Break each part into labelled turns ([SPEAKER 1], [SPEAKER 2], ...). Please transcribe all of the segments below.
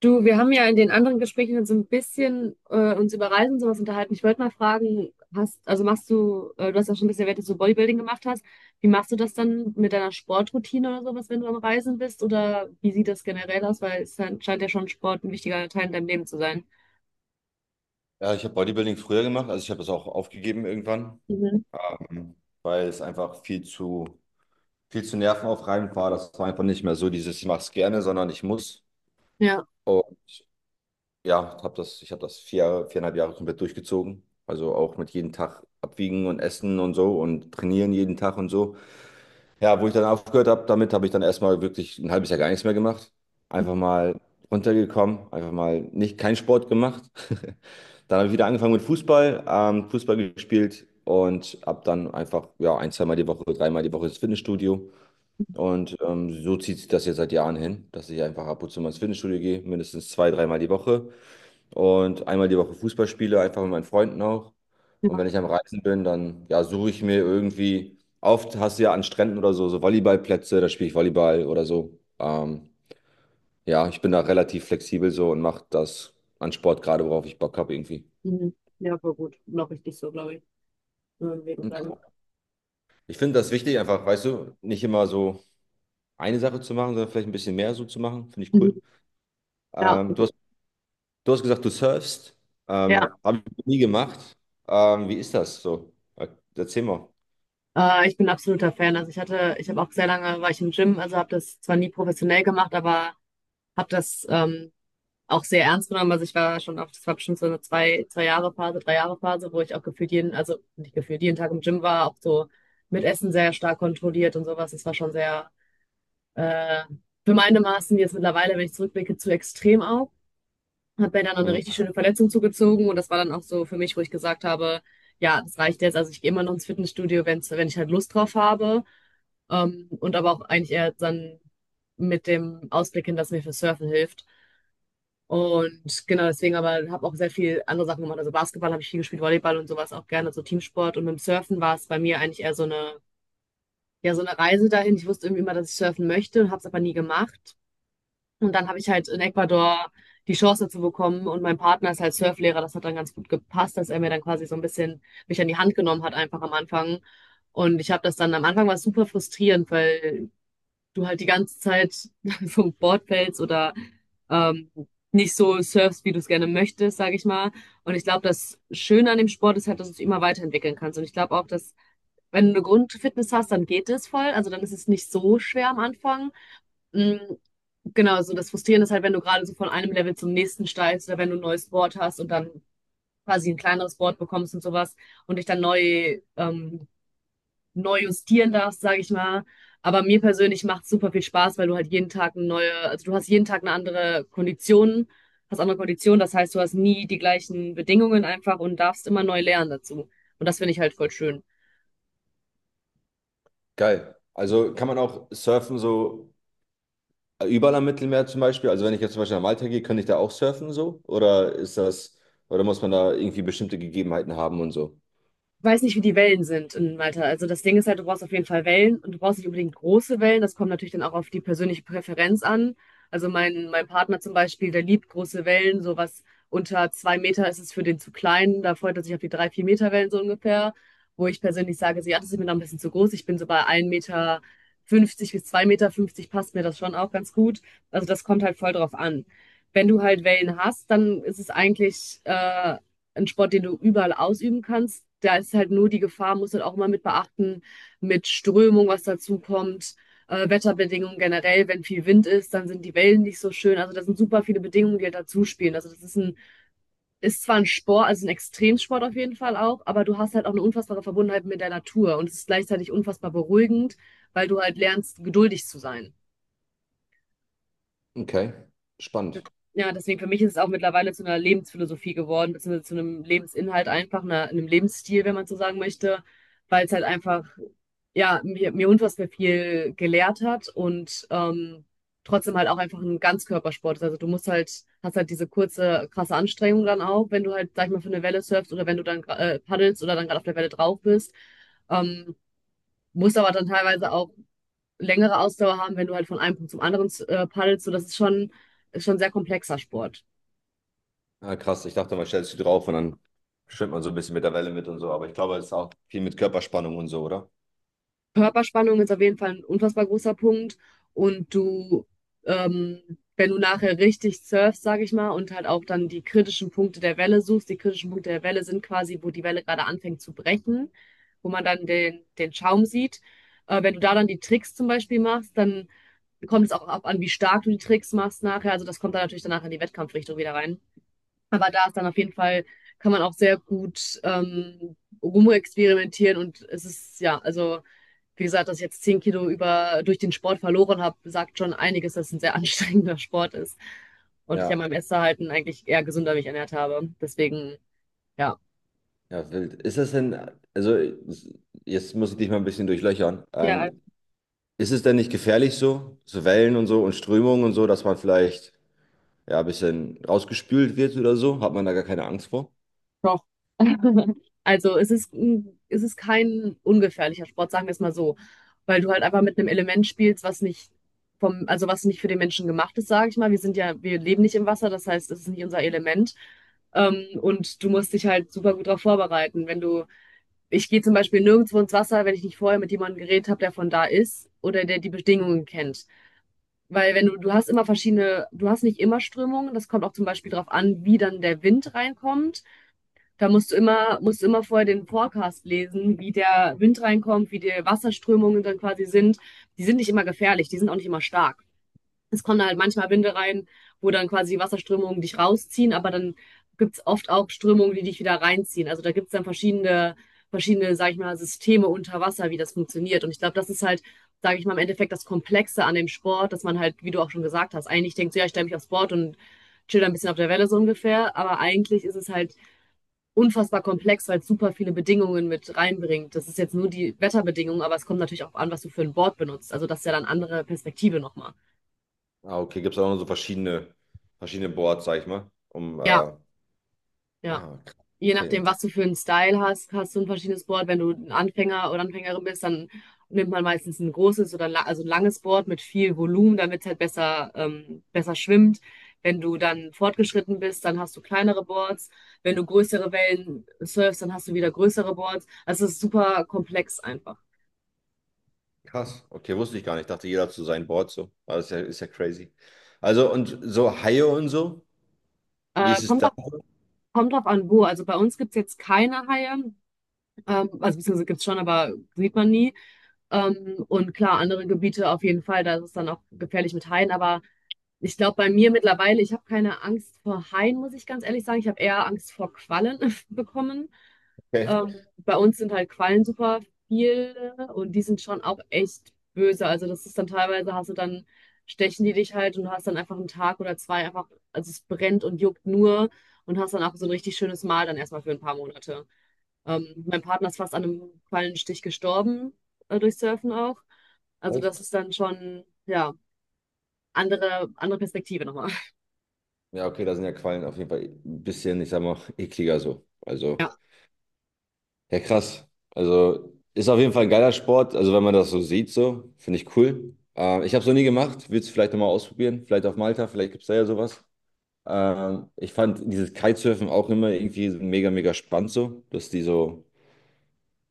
[SPEAKER 1] Du, wir haben ja in den anderen Gesprächen so ein bisschen uns über Reisen und sowas unterhalten. Ich wollte mal fragen, also du hast ja schon ein bisschen erwähnt, dass du Bodybuilding gemacht hast. Wie machst du das dann mit deiner Sportroutine oder sowas, wenn du am Reisen bist? Oder wie sieht das generell aus? Weil es scheint ja schon Sport ein wichtiger Teil in deinem Leben zu sein.
[SPEAKER 2] Ja, ich habe Bodybuilding früher gemacht, also ich habe das auch aufgegeben irgendwann,
[SPEAKER 1] Mhm.
[SPEAKER 2] ähm, weil es einfach viel zu nervenaufreibend war. Das war einfach nicht mehr so dieses, ich mache es gerne, sondern ich muss.
[SPEAKER 1] Ja,
[SPEAKER 2] Und ja, ich habe das 4,5 Jahre komplett durchgezogen. Also auch mit jedem Tag abwiegen und essen und so und trainieren jeden Tag und so. Ja, wo ich dann aufgehört habe, damit habe ich dann erstmal wirklich ein halbes Jahr gar nichts mehr gemacht. Einfach mal runtergekommen, einfach mal nicht keinen Sport gemacht. Dann habe ich wieder angefangen mit Fußball, Fußball gespielt und ab dann einfach ja ein, zweimal die Woche, dreimal die Woche ins Fitnessstudio. Und so zieht sich das jetzt seit Jahren hin, dass ich einfach ab und zu mal ins Fitnessstudio gehe, mindestens zwei, dreimal die Woche und einmal die Woche Fußball spiele, einfach mit meinen Freunden auch.
[SPEAKER 1] ja,
[SPEAKER 2] Und wenn ich am Reisen bin, dann ja, suche ich mir irgendwie, oft hast du ja an Stränden oder so, so Volleyballplätze, da spiele ich Volleyball oder so. Ja, ich bin da relativ flexibel so und mache das an Sport gerade, worauf ich Bock habe irgendwie.
[SPEAKER 1] mhm. Ja, voll gut. Noch richtig so, glaube ich. Nur wegen deinem-
[SPEAKER 2] Ja. Ich finde das wichtig, einfach, weißt du, nicht immer so eine Sache zu machen, sondern vielleicht ein bisschen mehr so zu machen. Finde ich
[SPEAKER 1] Mhm.
[SPEAKER 2] cool.
[SPEAKER 1] Ja,
[SPEAKER 2] Ähm, du hast, Du hast gesagt, du surfst.
[SPEAKER 1] ja.
[SPEAKER 2] Habe ich nie gemacht. Wie ist das so? Erzähl mal.
[SPEAKER 1] Ich bin absoluter Fan. Also ich habe auch sehr lange, war ich im Gym, also habe das zwar nie professionell gemacht, aber habe das auch sehr ernst genommen. Also ich war schon auf, das war bestimmt so eine zwei Jahre Phase, 3 Jahre Phase, wo ich auch gefühlt jeden, also nicht gefühlt jeden Tag im Gym war, auch so mit Essen sehr stark kontrolliert und sowas. Das war schon sehr äh, für meine Maßen jetzt mittlerweile, wenn ich zurückblicke, zu extrem auch. Hat mir dann noch eine richtig schöne Verletzung zugezogen und das war dann auch so für mich, wo ich gesagt habe, ja, das reicht jetzt. Also ich gehe immer noch ins Fitnessstudio, wenn ich halt Lust drauf habe. Und aber auch eigentlich eher dann mit dem Ausblick hin, dass mir für Surfen hilft. Und genau deswegen, aber habe auch sehr viel andere Sachen gemacht. Also Basketball habe ich viel gespielt, Volleyball und sowas auch gerne, so Teamsport. Und mit dem Surfen war es bei mir eigentlich eher so eine, ja, so eine Reise dahin. Ich wusste irgendwie immer, dass ich surfen möchte und habe es aber nie gemacht. Und dann habe ich halt in Ecuador die Chance dazu bekommen und mein Partner ist halt Surflehrer. Das hat dann ganz gut gepasst, dass er mir dann quasi so ein bisschen mich an die Hand genommen hat, einfach am Anfang. Und ich habe das dann, am Anfang war es super frustrierend, weil du halt die ganze Zeit vom Board fällst oder ähm, nicht so surfst, wie du es gerne möchtest, sage ich mal. Und ich glaube, das Schöne an dem Sport ist halt, dass du dich immer weiterentwickeln kannst. Und ich glaube auch, dass wenn du eine Grundfitness hast, dann geht es voll. Also dann ist es nicht so schwer am Anfang. Mm. Genau, so das Frustrierende ist halt, wenn du gerade so von einem Level zum nächsten steigst oder wenn du ein neues Board hast und dann quasi ein kleineres Board bekommst und sowas und dich dann neu justieren darfst, sage ich mal. Aber mir persönlich macht es super viel Spaß, weil du halt jeden Tag eine neue, also du hast jeden Tag eine andere Kondition, hast andere Konditionen, das heißt, du hast nie die gleichen Bedingungen einfach und darfst immer neu lernen dazu. Und das finde ich halt voll schön.
[SPEAKER 2] Geil. Also kann man auch surfen so überall am Mittelmeer zum Beispiel? Also wenn ich jetzt zum Beispiel nach Malta gehe, könnte ich da auch surfen so? Oder ist das, oder muss man da irgendwie bestimmte Gegebenheiten haben und so?
[SPEAKER 1] Weiß nicht, wie die Wellen sind in Malta. Also das Ding ist halt, du brauchst auf jeden Fall Wellen und du brauchst nicht unbedingt große Wellen. Das kommt natürlich dann auch auf die persönliche Präferenz an. Also mein Partner zum Beispiel, der liebt große Wellen, sowas unter 2 Meter ist es für den zu klein. Da freut er sich auf die 3-4 Meter Wellen so ungefähr. Wo ich persönlich sage, so, ja, das ist mir noch ein bisschen zu groß. Ich bin so bei 1,50 m bis 2,50 m, passt mir das schon auch ganz gut. Also das kommt halt voll drauf an. Wenn du halt Wellen hast, dann ist es eigentlich ein Sport, den du überall ausüben kannst. Da ist halt nur die Gefahr, musst du halt auch immer mit beachten, mit Strömung, was dazu kommt, Wetterbedingungen generell, wenn viel Wind ist, dann sind die Wellen nicht so schön. Also das sind super viele Bedingungen, die halt dazu spielen. Also das ist ist zwar ein Sport, also ein Extremsport auf jeden Fall auch, aber du hast halt auch eine unfassbare Verbundenheit mit der Natur und es ist gleichzeitig unfassbar beruhigend, weil du halt lernst, geduldig zu sein.
[SPEAKER 2] Okay, spannend.
[SPEAKER 1] Ja, deswegen für mich ist es auch mittlerweile zu einer Lebensphilosophie geworden, beziehungsweise zu einem Lebensinhalt einfach, einem Lebensstil, wenn man so sagen möchte, weil es halt einfach, ja, mir unfassbar viel gelehrt hat und trotzdem halt auch einfach ein Ganzkörpersport ist. Also du musst halt, hast halt diese kurze, krasse Anstrengung dann auch, wenn du halt, sag ich mal, für eine Welle surfst oder wenn du dann paddelst oder dann gerade auf der Welle drauf bist. Ähm, Musst aber dann teilweise auch längere Ausdauer haben, wenn du halt von einem Punkt zum anderen paddelst. So, das ist schon ein sehr komplexer Sport.
[SPEAKER 2] Ah, krass, ich dachte, man stellt sich drauf und dann schwimmt man so ein bisschen mit der Welle mit und so. Aber ich glaube, es ist auch viel mit Körperspannung und so, oder?
[SPEAKER 1] Körperspannung ist auf jeden Fall ein unfassbar großer Punkt. Und du, ähm, wenn du nachher richtig surfst, sage ich mal, und halt auch dann die kritischen Punkte der Welle suchst, die kritischen Punkte der Welle sind quasi, wo die Welle gerade anfängt zu brechen, wo man dann den Schaum sieht. Wenn du da dann die Tricks zum Beispiel machst, dann kommt es auch ab an, wie stark du die Tricks machst nachher. Also das kommt dann natürlich danach in die Wettkampfrichtung wieder rein. Aber da ist dann auf jeden Fall, kann man auch sehr gut rumexperimentieren und es ist, ja, also wie gesagt, dass ich jetzt 10 Kilo durch den Sport verloren habe, sagt schon einiges, dass es ein sehr anstrengender Sport ist. Und ich an
[SPEAKER 2] Ja,
[SPEAKER 1] meinem Essverhalten eigentlich eher gesünder mich ernährt habe. Deswegen, ja.
[SPEAKER 2] ja, wild. Ist das denn, also jetzt muss ich dich mal ein bisschen durchlöchern.
[SPEAKER 1] Ja,
[SPEAKER 2] Ist es denn nicht gefährlich so, so Wellen und so und Strömungen und so, dass man vielleicht ja, ein bisschen rausgespült wird oder so, hat man da gar keine Angst vor.
[SPEAKER 1] doch. Also es ist kein ungefährlicher Sport, sagen wir es mal so. Weil du halt einfach mit einem Element spielst, was nicht also was nicht für den Menschen gemacht ist, sage ich mal. Wir sind ja, wir leben nicht im Wasser, das heißt, es ist nicht unser Element. Und du musst dich halt super gut darauf vorbereiten. Wenn du Ich gehe zum Beispiel nirgendwo ins Wasser, wenn ich nicht vorher mit jemandem geredet habe, der von da ist oder der die Bedingungen kennt. Weil wenn du, du hast immer verschiedene, du hast nicht immer Strömungen, das kommt auch zum Beispiel darauf an, wie dann der Wind reinkommt. Da musst du immer vorher den Forecast lesen, wie der Wind reinkommt, wie die Wasserströmungen dann quasi sind. Die sind nicht immer gefährlich, die sind auch nicht immer stark. Es kommen da halt manchmal Winde rein, wo dann quasi Wasserströmungen dich rausziehen, aber dann gibt's oft auch Strömungen, die dich wieder reinziehen. Also da gibt's dann verschiedene, verschiedene, sag ich mal, Systeme unter Wasser, wie das funktioniert. Und ich glaube, das ist halt, sage ich mal, im Endeffekt das Komplexe an dem Sport, dass man halt, wie du auch schon gesagt hast, eigentlich denkt, so, ja, ich stelle mich aufs Board und chill ein bisschen auf der Welle so ungefähr. Aber eigentlich ist es halt unfassbar komplex, weil es super viele Bedingungen mit reinbringt. Das ist jetzt nur die Wetterbedingungen, aber es kommt natürlich auch an, was du für ein Board benutzt. Also das ist ja dann andere Perspektive nochmal.
[SPEAKER 2] Ah, okay, gibt es auch noch so verschiedene Boards, sag ich mal, um,
[SPEAKER 1] Ja,
[SPEAKER 2] ah,
[SPEAKER 1] ja.
[SPEAKER 2] krass,
[SPEAKER 1] Je
[SPEAKER 2] okay,
[SPEAKER 1] nachdem, was du für einen Style hast, hast du ein verschiedenes Board. Wenn du ein Anfänger oder Anfängerin bist, dann nimmt man meistens ein großes oder also ein langes Board mit viel Volumen, damit es halt besser, besser schwimmt. Wenn du dann fortgeschritten bist, dann hast du kleinere Boards. Wenn du größere Wellen surfst, dann hast du wieder größere Boards. Also es ist super komplex einfach.
[SPEAKER 2] krass, okay, wusste ich gar nicht, ich dachte, jeder hat so sein Board, so, aber ist ja crazy. Also, und so Haie und so, wie
[SPEAKER 1] Äh,
[SPEAKER 2] ist es
[SPEAKER 1] kommt
[SPEAKER 2] da?
[SPEAKER 1] drauf, Kommt drauf an, wo. Also bei uns gibt es jetzt keine Haie. Also beziehungsweise gibt es schon, aber sieht man nie. Und klar, andere Gebiete auf jeden Fall, da ist es dann auch gefährlich mit Haien, aber ich glaube, bei mir mittlerweile, ich habe keine Angst vor Haien, muss ich ganz ehrlich sagen. Ich habe eher Angst vor Quallen bekommen.
[SPEAKER 2] Okay.
[SPEAKER 1] Bei uns sind halt Quallen super viel und die sind schon auch echt böse. Also das ist dann teilweise, hast du dann, stechen die dich halt und du hast dann einfach einen Tag oder zwei einfach, also es brennt und juckt nur und hast dann auch so ein richtig schönes Mal dann erstmal für ein paar Monate. Mein Partner ist fast an einem Quallenstich gestorben, durch Surfen auch. Also
[SPEAKER 2] Echt?
[SPEAKER 1] das ist dann schon, ja, andere, andere Perspektive nochmal.
[SPEAKER 2] Ja, okay, da sind ja Quallen auf jeden Fall ein bisschen, ich sag mal, ekliger so, also.
[SPEAKER 1] Ja,
[SPEAKER 2] Ja, krass. Also ist auf jeden Fall ein geiler Sport. Also wenn man das so sieht, so finde ich cool. Ich habe es noch nie gemacht. Willst du vielleicht nochmal ausprobieren? Vielleicht auf Malta, vielleicht gibt es da ja sowas. Ich fand dieses Kitesurfen auch immer irgendwie so mega, mega spannend so, dass die so,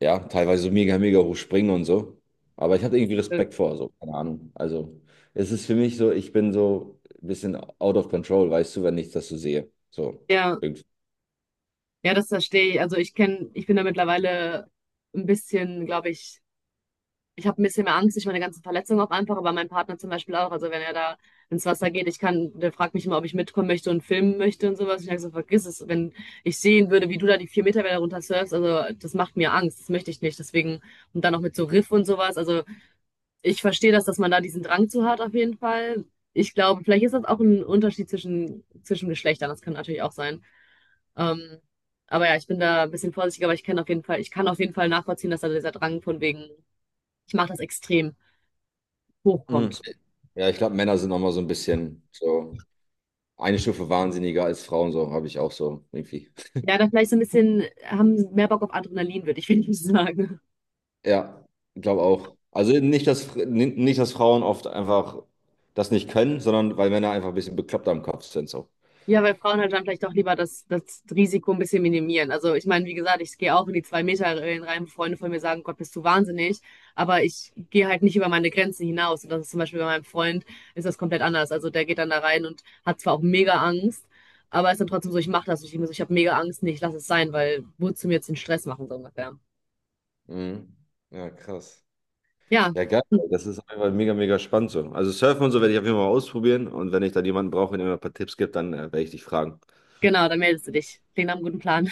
[SPEAKER 2] ja, teilweise so mega, mega hoch springen und so. Aber ich hatte irgendwie
[SPEAKER 1] äh,
[SPEAKER 2] Respekt vor, so, keine Ahnung. Also es ist für mich so, ich bin so ein bisschen out of control, weißt du, wenn ich das so sehe. So,
[SPEAKER 1] ja,
[SPEAKER 2] irgendwie.
[SPEAKER 1] ja, das verstehe ich. Also ich kenne, ich bin da mittlerweile ein bisschen, glaube ich, ich habe ein bisschen mehr Angst durch meine ganzen Verletzungen auch einfach, aber mein Partner zum Beispiel auch. Also wenn er da ins Wasser geht, ich kann, der fragt mich immer, ob ich mitkommen möchte und filmen möchte und sowas. Ich sage so, vergiss es, wenn ich sehen würde, wie du da die 4 Meter Welle runter surfst, also das macht mir Angst, das möchte ich nicht. Deswegen, und dann auch mit so Riff und sowas. Also ich verstehe das, dass man da diesen Drang zu hat, auf jeden Fall. Ich glaube, vielleicht ist das auch ein Unterschied zwischen, zwischen Geschlechtern. Das kann natürlich auch sein. Ähm, aber ja, ich bin da ein bisschen vorsichtiger, aber ich kann auf jeden Fall nachvollziehen, dass da dieser Drang von wegen, ich mache das extrem,
[SPEAKER 2] Mhm.
[SPEAKER 1] hochkommt.
[SPEAKER 2] Ja, ich glaube, Männer sind nochmal so ein bisschen so eine Stufe wahnsinniger als Frauen, so habe ich auch so irgendwie.
[SPEAKER 1] Ja, da vielleicht so ein bisschen haben mehr Bock auf Adrenalin, würde ich wenigstens sagen.
[SPEAKER 2] Ja, glaube auch. Also nicht, dass, nicht, dass Frauen oft einfach das nicht können, sondern weil Männer einfach ein bisschen bekloppter am Kopf sind, so.
[SPEAKER 1] Ja, weil Frauen halt dann vielleicht auch lieber das Risiko ein bisschen minimieren. Also ich meine, wie gesagt, ich gehe auch in die 2 Meter Regeln rein, wo Freunde von mir sagen, Gott, bist du wahnsinnig, aber ich gehe halt nicht über meine Grenzen hinaus. Und das ist zum Beispiel bei meinem Freund, ist das komplett anders. Also der geht dann da rein und hat zwar auch mega Angst, aber ist dann trotzdem so, ich mache das. Und ich denke so, ich habe mega Angst, nee, ich lasse es sein, weil wozu mir jetzt den Stress machen, so ungefähr.
[SPEAKER 2] Mhm. Ja, krass.
[SPEAKER 1] Ja,
[SPEAKER 2] Ja, geil.
[SPEAKER 1] hm,
[SPEAKER 2] Das ist einfach mega, mega spannend so. Also Surfen und so werde ich auf jeden Fall mal ausprobieren und wenn ich dann jemanden brauche, der mir ein paar Tipps gibt, dann werde ich dich fragen.
[SPEAKER 1] genau, dann meldest du dich. Klingt nach einem guten Plan.